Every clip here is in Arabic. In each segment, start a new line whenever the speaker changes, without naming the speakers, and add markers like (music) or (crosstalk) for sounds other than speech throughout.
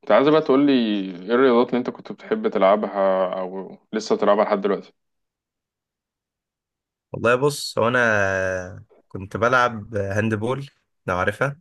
كنت عايز بقى تقول لي ايه الرياضات اللي انت كنت بتحب تلعبها او لسه بتلعبها لحد دلوقتي
والله بص هو انا كنت بلعب هاندبول. لو عارفها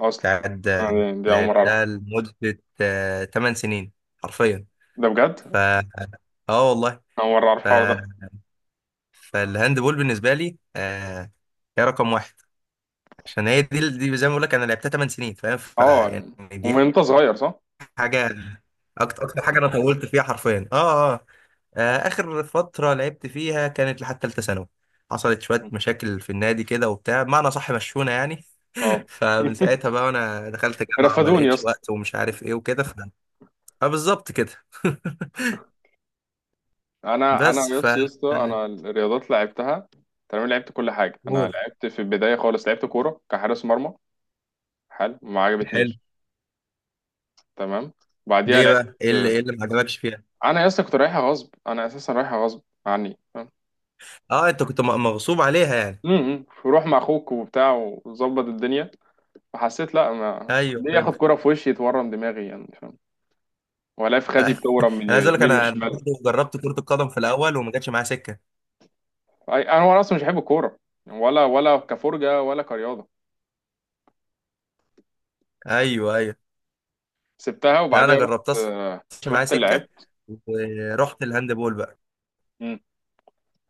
اصلا؟
بتاعت
يعني دي اول مره اعرف.
لعبتها لمدة 8 سنين حرفيا.
ده
ف
بجد؟
اه والله.
اول مره اعرف
ف...
الحوار ده.
فالهاندبول بالنسبة لي هي رقم واحد، عشان هي دي زي ما بقول لك انا لعبتها 8 سنين، فاهم؟
اه يعني،
دي
ومن انت صغير صح.
حاجة، اكتر حاجة انا طولت فيها حرفيا. اخر فترة لعبت فيها كانت لحد ثالثة ثانوي. حصلت شوية مشاكل في النادي كده وبتاع، بمعنى صح مشونا يعني.
اه
فمن ساعتها بقى وانا دخلت
(laughs)
جامعة وما
رفدوني يا
لقيتش
اسطى.
وقت ومش عارف ايه وكده فبالظبط كده. (laughs)
انا
بس ف
يس يا اسطى، انا الرياضات لعبتها تمام، لعبت كل حاجه. انا
قول.
لعبت في البدايه خالص لعبت كوره كحارس مرمى. حلو، ما
حلو.
عجبتنيش. تمام. بعديها
ليه بقى،
لعبت.
ايه اللي ما عجبكش فيها؟
انا يا اسطى كنت رايحها غصب، انا اساسا رايحها غصب عني.
اه انت كنت مغصوب عليها يعني.
وروح مع اخوك وبتاع وظبط الدنيا. فحسيت لا، ما
ايوه
ليه ياخد
فهمت.
كرة في وشي يتورم دماغي، يعني فاهم؟ ولا في خدي
(laughs)
بتورم من
انا عايز اقول لك
يمين
انا
وشمال.
برضه جربت كرة القدم في الاول وما جاتش معايا سكة.
انا وانا اصلا مش بحب الكورة يعني، ولا ولا كفرجة ولا كرياضة.
ايوه ايوه.
سبتها
لا انا
وبعديها رحت،
جربتها ما جاتش معايا
رحت
سكة
لعبت.
ورحت الهاند بول بقى.
مم.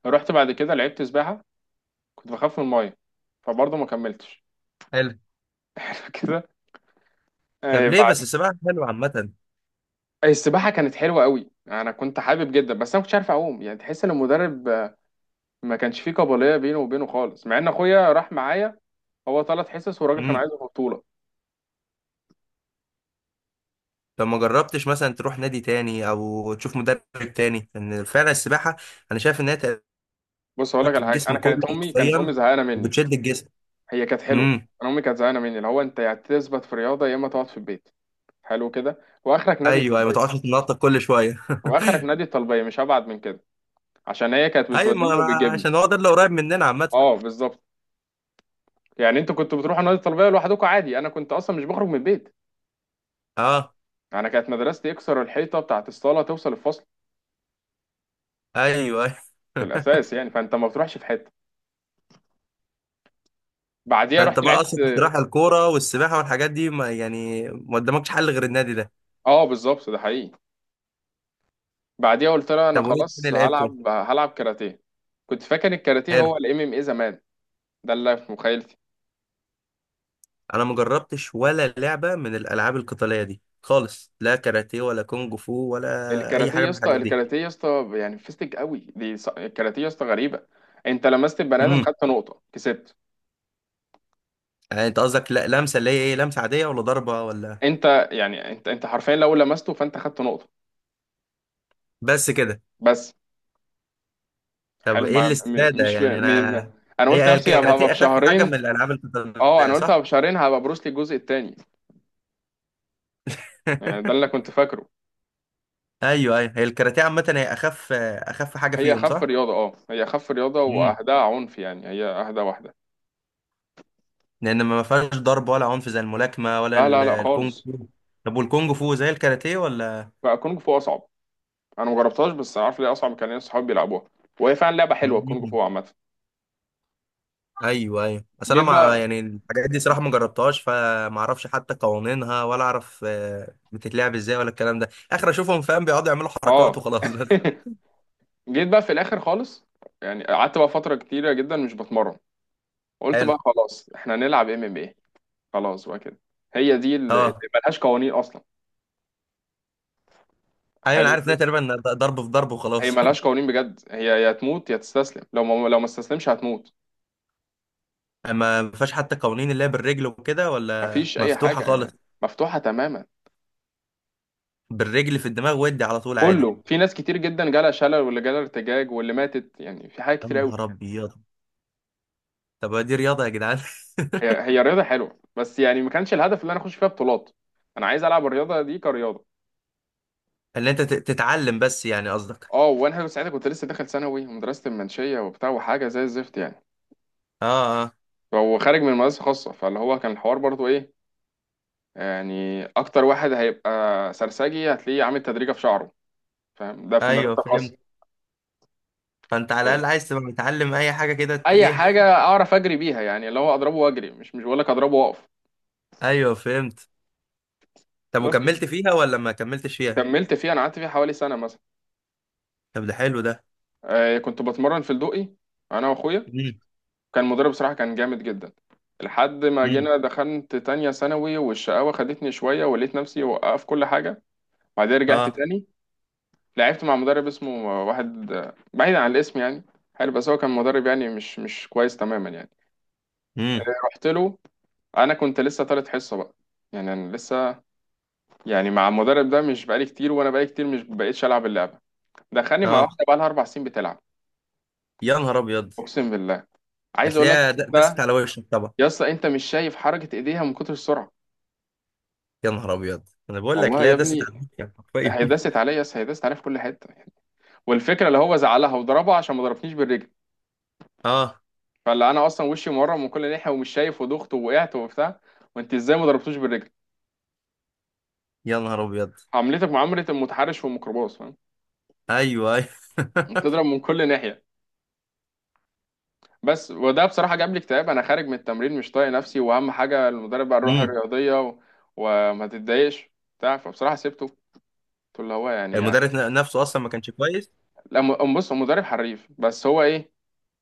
رحت بعد كده لعبت سباحة. كنت بخاف من الماية، فبرضه ما كملتش.
حلو.
(laughs) كده.
طب ليه
بعد،
بس؟ السباحة حلوة عامة.
السباحة كانت حلوة قوي، انا كنت حابب جدا بس انا ما كنتش عارف اعوم. يعني تحس ان المدرب ما كانش فيه قابلية بينه وبينه خالص، مع ان اخويا راح معايا. هو ثلاث حصص والراجل كان
إمم.
عايزه في بطوله.
لو ما جربتش مثلا تروح نادي تاني او تشوف مدرب تاني، لان فعلا السباحه انا شايف ان هي تحرك
بص هقول لك على حاجه،
الجسم
انا
كله
كانت امي
حرفيا
زهقانه مني.
وبتشد الجسم.
هي كانت حلوه.
امم.
انا امي كانت زهقانه مني، اللي هو انت يا تثبت في رياضه يا اما تقعد في البيت. حلو كده. واخرك نادي
ايوه، أيوة، ما تقعدش
الطلبيه.
تنطط كل شويه. (laughs)
واخرك نادي الطلبيه، مش هبعد من كده، عشان هي كانت
ايوه،
بتوديني وبتجيبني.
عشان هو ده اللي قريب مننا عامه.
اه بالظبط. يعني انتوا كنتوا بتروحوا نادي الطلبيه لوحدكم عادي، انا كنت اصلا مش بخرج من البيت.
اه.
انا كانت مدرستي اكسر الحيطه بتاعت الصاله توصل الفصل
ايوه أيوة.
في الاساس، يعني فانت ما بتروحش في حته.
(laughs)
بعديها رحت
فانت بقى
لعبت.
اصلا في الصراحه، الكوره والسباحه والحاجات دي ما يعني ما قدامكش حل غير النادي ده.
اه بالظبط، ده حقيقي. بعديها قلت لها انا
طب وايه تاني
خلاص
لعبته؟
هلعب كاراتيه. كنت فاكر الكاراتيه
حلو.
هو الام ام اي زمان، ده اللي في مخيلتي.
انا ما جربتش ولا لعبه من الالعاب القتاليه دي خالص، لا كاراتيه ولا كونج فو ولا اي
الكاراتيه
حاجه
يا
من
اسطى،
الحاجات دي.
الكاراتيه يا اسطى يعني فيستك قوي دي. الكاراتيه يا اسطى غريبه. انت لمست البني ادم
امم.
خدت نقطه كسبت.
يعني انت قصدك لمسه، اللي هي ايه، لمسه عاديه ولا ضربه ولا؟
انت يعني انت حرفيا لو لمسته فانت خدت نقطه.
بس كده؟
بس.
طب
حلو،
ايه
ما م-
الاستفاده
مش في
يعني
م... م-
انا؟
انا
هي
قلت
هي
نفسي هبقى
الكاراتيه اخف حاجه من
بشهرين.
الالعاب
اه
القتاليه
انا قلت هبقى
صح؟
بشهرين هبقى بروسلي الجزء الثاني، يعني ده
(laughs)
اللي كنت فاكره.
ايوه ايوه. هي الكاراتيه عامه هي اخف حاجه
هي
فيهم
اخف
صح؟
رياضه، اه هي اخف رياضه
امم.
واهداها عنف، يعني هي اهدى واحده.
لان ما فيهاش ضرب ولا عنف زي الملاكمه ولا
لا لا لا
الكونغ
خالص.
فو. طب والكونغ فو زي الكاراتيه ولا؟
بقى كونج فو اصعب. انا مجربتهاش بس انا عارف ليه اصعب، كان ناس صحابي بيلعبوها، وهي فعلا لعبه حلوه الكونج
مم.
فو عامه.
ايوه ايوه. بس انا
جيت
ما
بقى.
يعني الحاجات دي صراحه ما جربتهاش، فما اعرفش حتى قوانينها ولا اعرف بتتلعب ازاي ولا الكلام ده. اخر اشوفهم فاهم بيقعدوا يعملوا حركات
اه
وخلاص. (laughs) بس.
(laughs) جيت بقى في الاخر خالص. يعني قعدت بقى فتره كتيره جدا مش بتمرن. قلت
حلو.
بقى خلاص احنا نلعب ام ام ايه. خلاص بقى كده. هي دي اللي
اه.
ملهاش قوانين اصلا.
ايوه انا
حلو
عارف انها
كده.
تقريبا ضرب في ضرب
هي
وخلاص. (laughs)
ملهاش قوانين بجد، هي يا تموت يا تستسلم، لو ما استسلمش هتموت.
اما ما فيهاش حتى قوانين اللي هي بالرجل وكده ولا
مفيش اي
مفتوحه
حاجه
خالص؟
يعني، مفتوحه تماما.
بالرجل في الدماغ ودي على طول عادي؟
كله. في ناس كتير جدا جالها شلل، واللي جالها ارتجاج، واللي ماتت، يعني في حاجات
يا
كتير قوي.
نهار ابيض. طب دي رياضه يا جدعان؟
هي رياضة حلوة، بس يعني ما كانش الهدف اللي انا اخش فيها بطولات، انا عايز العب الرياضة دي كرياضة.
(laughs) اللي انت تتعلم بس يعني قصدك.
اه وانا ساعتها كنت لسه داخل ثانوي، ومدرسة المنشية وبتاع وحاجة زي الزفت يعني.
اه اه.
هو خارج من مدرسة خاصة، فاللي هو كان الحوار برضو ايه، يعني اكتر واحد هيبقى سرسجي هتلاقيه عامل تدريجة في شعره، فاهم؟ ده في مدرسة
ايوه فهمت.
خاصة.
فانت على الاقل
ف-
عايز تبقى متعلم اي حاجه كده
اي
ايه.
حاجة اعرف اجري بيها، يعني اللي هو اضربه واجري، مش بقول لك اضربه واقف.
(laughs) ايوه فهمت. طب
بس.
وكملت فيها ولا ما كملتش فيها؟
كملت فيها، انا قعدت فيها حوالي سنة مثلا.
طب ده حلو ده.
كنت بتمرن في الدقي انا واخويا.
مم.
كان مدرب صراحة كان جامد جدا، لحد ما
مم.
جينا دخلت تانية ثانوي والشقاوة خدتني شوية ولقيت نفسي وقف كل حاجة. بعدين رجعت
اه.
تاني، لعبت مع مدرب اسمه واحد، بعيد عن الاسم يعني. حلو بس هو كان مدرب يعني مش كويس تماما يعني.
مم.
رحت له، انا كنت لسه تالت حصة بقى، يعني انا لسه يعني مع المدرب ده مش بقالي كتير، وانا بقالي كتير مش بقيتش العب اللعبة. دخلني مع
اه.
واحدة بقى لها اربع سنين بتلعب.
يا نهار ابيض.
اقسم بالله. عايز اقول لك
هتلاقيها دست
ده،
على وشك طبعا.
يا اسطى انت مش شايف حركة ايديها من كتر السرعة.
يا نهار ابيض، انا بقول لك،
والله
لا
يا
دست على
ابني.
وشك حرفيا. (laughs)
هيدست عليا يس، هيدست عليا في كل حته يعني. والفكره اللي هو زعلها وضربها عشان ما ضربتنيش بالرجل.
اه.
فاللي انا اصلا وشي مورم من كل ناحيه ومش شايف وضغط ووقعت وبتاع، وانت ازاي ما ضربتوش بالرجل!
يا نهار ابيض.
عملتك معامله المتحرش في الميكروباص فاهم،
ايوه ايوه.
بتضرب من كل ناحيه. بس. وده بصراحه جاب لي اكتئاب، انا خارج من التمرين مش طايق نفسي، واهم حاجه المدرب قال روح
مم.
الرياضيه وما تتضايقش بتاع فبصراحه سبته، قلت له هو يعني يعني.
المدرس نفسه اصلا ما كانش كويس.
لا بص، هو مدرب حريف بس هو ايه،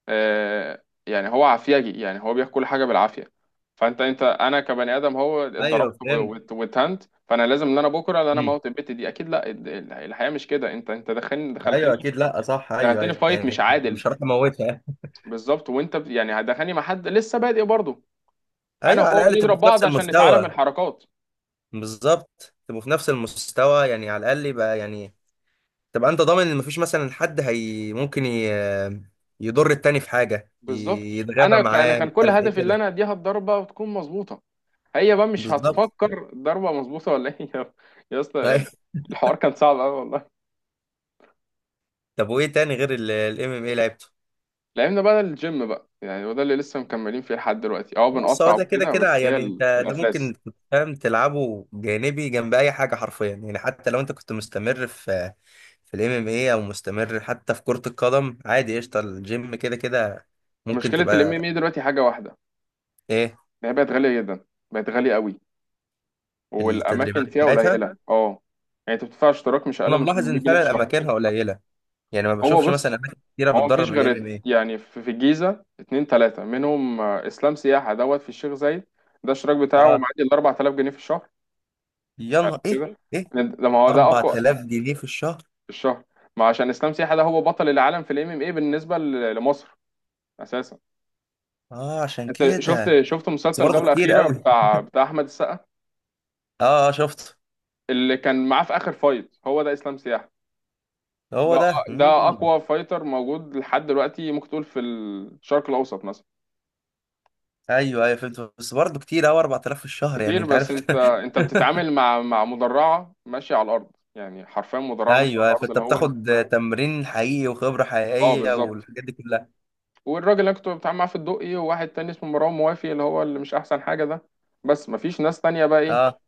يعني هو عافيجي، يعني هو بياكل كل حاجه بالعافيه. فانت انا كبني ادم، هو
ايوه
اتضربت
فهمت.
واتهنت، فانا لازم ان انا بكره ان انا
مم.
موت البت دي اكيد. لا الحياه مش كده، انت دخلني
ايوه
دخلتني،
اكيد، لا صح، ايوه
دخلتني
ايوه
فايت
يعني.
مش عادل.
مش هروح اموتها يعني.
بالظبط. وانت يعني هتدخلني مع حد لسه بادئ برضه، انا
ايوه على
وهو
الاقل تبقوا
بنضرب
في
بعض
نفس
عشان نتعلم
المستوى.
الحركات.
بالظبط، تبقوا في نفس المستوى يعني، على الاقل يبقى يعني تبقى انت ضامن ان مفيش مثلا حد، هي ممكن يضر التاني في حاجه،
بالظبط.
يتغابى
انا
معاه، مش
كان كل
عارف ايه
هدفي ان
كده.
انا اديها الضربه وتكون مظبوطه، هي بقى مش
بالظبط.
هتفكر ضربه مظبوطه ولا ايه. (laughs) يا
(laughs)
اسطى يعني.
أيوة.
الحوار كان صعب قوي والله.
طب وايه تاني غير الام ام اي لعبته؟
لعبنا بقى الجيم بقى، يعني وده اللي لسه مكملين فيه لحد دلوقتي، اه
بص هو
بنقطع
ده كده
وكده
كده
بس هي
يعني انت، ده
الاساس.
ممكن كنت فاهم تلعبه جانبي جنب اي حاجه حرفيا يعني. حتى لو انت كنت مستمر في في الام ام اي او مستمر حتى في كرة القدم عادي، قشطه الجيم كده كده ممكن
مشكله الام ام
تبقى.
اي دلوقتي حاجه واحده،
ايه
إن هي بقت غاليه جدا، بقت غاليه قوي،
التدريبات
والاماكن فيها
بتاعتها؟
قليله اه. يعني انت بتدفع اشتراك مش اقل
انا
من
ملاحظ
800
ان
جنيه في
فعلا
الشهر.
اماكنها قليله، يعني ما
هو
بشوفش مثلا
بص،
اماكن كتيره
هو
بتدرب
مفيش
الام ام
غير
اي.
يعني في في الجيزه اتنين تلاته منهم، اسلام سياحه دوت في الشيخ زايد ده الاشتراك بتاعه
اه.
معدي ال 4000 جنيه في الشهر.
يا
حلو
نهار ايه.
كده.
ايه؟
ده ما هو ده اقوى.
4000 جنيه في الشهر؟
في الشهر. ما عشان اسلام سياحه ده هو بطل العالم في الام ام اي بالنسبه لمصر اساسا.
اه عشان
انت شفت
كده.
شفت
بس
مسلسل
برضه
جولة
كتير
أخيرة
قوي.
بتاع احمد السقا،
اه اه شفت.
اللي كان معاه في اخر فايت هو ده اسلام سياح
هو
ده.
ده.
ده
مم.
اقوى فايتر موجود لحد دلوقتي، ممكن تقول في الشرق الاوسط مثلا.
ايوه ايوه فهمت، بس برضه كتير قوي 4000 في الشهر يعني
كتير
انت
بس
عارف.
انت بتتعامل مع مدرعة ماشية على الارض، يعني حرفيا
(laughs)
مدرعة ماشية على
ايوه،
الارض
فانت
اللي هو انت.
بتاخد تمرين حقيقي وخبره
اه
حقيقيه
بالظبط.
والحاجات دي كلها.
والراجل اللي كنت بتعامل معاه في الدقي، وواحد تاني اسمه مروان موافي اللي هو اللي مش احسن حاجة ده، بس مفيش ناس تانية بقى ايه
اه.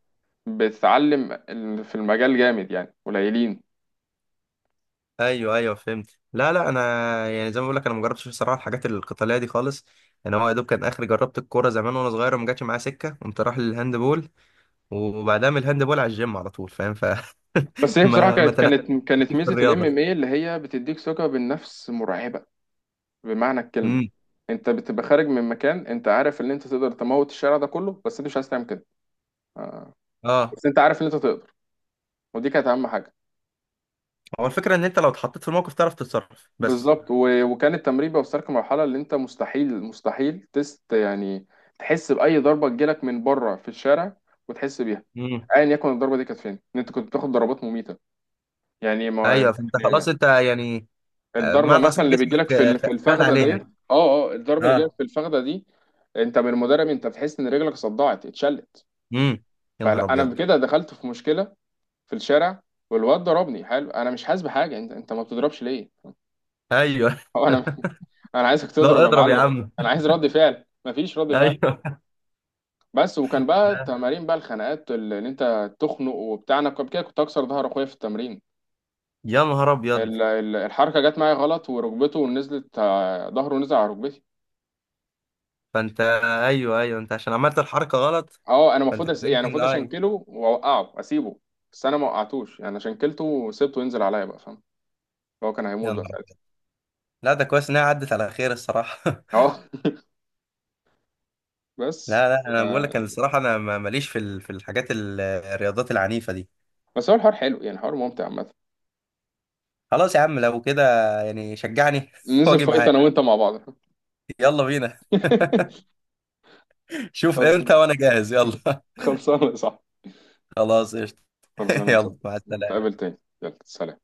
بتتعلم في المجال جامد يعني، قليلين.
ايوه ايوه فهمت. لا لا انا يعني زي ما بقول لك انا ما جربتش بصراحه الحاجات القتاليه دي خالص. انا هو يا دوب كان اخر جربت الكوره زمان وانا صغير وما جاتش معايا سكه، قمت رايح للهاند بول، وبعدها من الهاند بول على الجيم على طول، فاهم؟ ف.
بس
(laughs)
هي بصراحه
ما ما
كانت
تنقلتش
كانت كانت
في
ميزه الام ام
الرياضه.
اي اللي هي بتديك ثقه بالنفس مرعبه، بمعنى الكلمه.
امم.
انت بتبقى خارج من مكان انت عارف ان انت تقدر تموت الشارع ده كله، بس انت مش عايز تعمل كده،
اه.
بس انت عارف ان انت تقدر. ودي كانت اهم حاجه.
هو الفكره ان انت لو اتحطيت في الموقف تعرف تتصرف بس.
بالظبط. وكان التمرين بيوصلك لمرحله اللي انت مستحيل تست يعني، تحس باي ضربه تجيلك من بره في الشارع وتحس بيها،
امم.
ايا يكن الضربه دي كانت فين. ان انت كنت بتاخد ضربات مميته، يعني ما
ايوه فانت خلاص
يعني
انت يعني
الضربه
بمعنى صح
مثلا اللي بتجيلك
جسمك
في في
خد
الفخده
عليها.
ديت، اه اه الضربه اللي جايلك
اه.
في الفخده دي، انت من المدرب انت بتحس ان رجلك صدعت اتشلت.
امم. يا نهار
فلا انا
ابيض.
كده دخلت في مشكله في الشارع، والواد ضربني حلو انا مش حاسس بحاجه، انت ما بتضربش ليه،
ايوه. (laughs)
هو انا (laughs) انا عايزك تضرب
لا
يا
اضرب يا
معلم،
عم.
انا عايز رد فعل مفيش رد فعل.
ايوه.
بس. وكان بقى
لا.
تمارين بقى، الخناقات اللي انت تخنق وبتاع، انا قبل كده كنت اكسر ظهر اخويا في التمرين.
يا نهار ابيض.
الحركه جت معايا غلط وركبته نزلت، ظهره نزل على ركبتي.
فانت. ايوه ايوه، انت عشان عملت الحركه غلط.
اه انا
فانت
المفروض
كان
يعني
ممكن
المفروض
اي.
اشنكله واوقعه اسيبه، بس انا ما وقعتوش، يعني شنكلته وسبته ينزل عليا بقى فاهم. هو كان
يا
هيموت
نهار
بقى ساعتها.
أبيض. لا ده كويس انها عدت على خير الصراحه. (laughs)
اه (laughs) بس.
لا لا انا بقول لك،
آه،
انا الصراحه انا ماليش في في الحاجات الرياضات العنيفه دي.
بس هو الحوار حلو يعني، حوار ممتع عامة.
خلاص يا عم لو كده، يعني شجعني (laughs)
ننزل
واجي
فايت
معاك.
انا وانت مع بعض. (laughs)
يلا بينا. (laughs) شوف امتى وانا جاهز يلا.
خلصانه صح؟
(laughs) خلاص قشطة. (laughs)
خلصانه صح.
يلا مع السلامه.
نتقابل تاني، يلا سلام.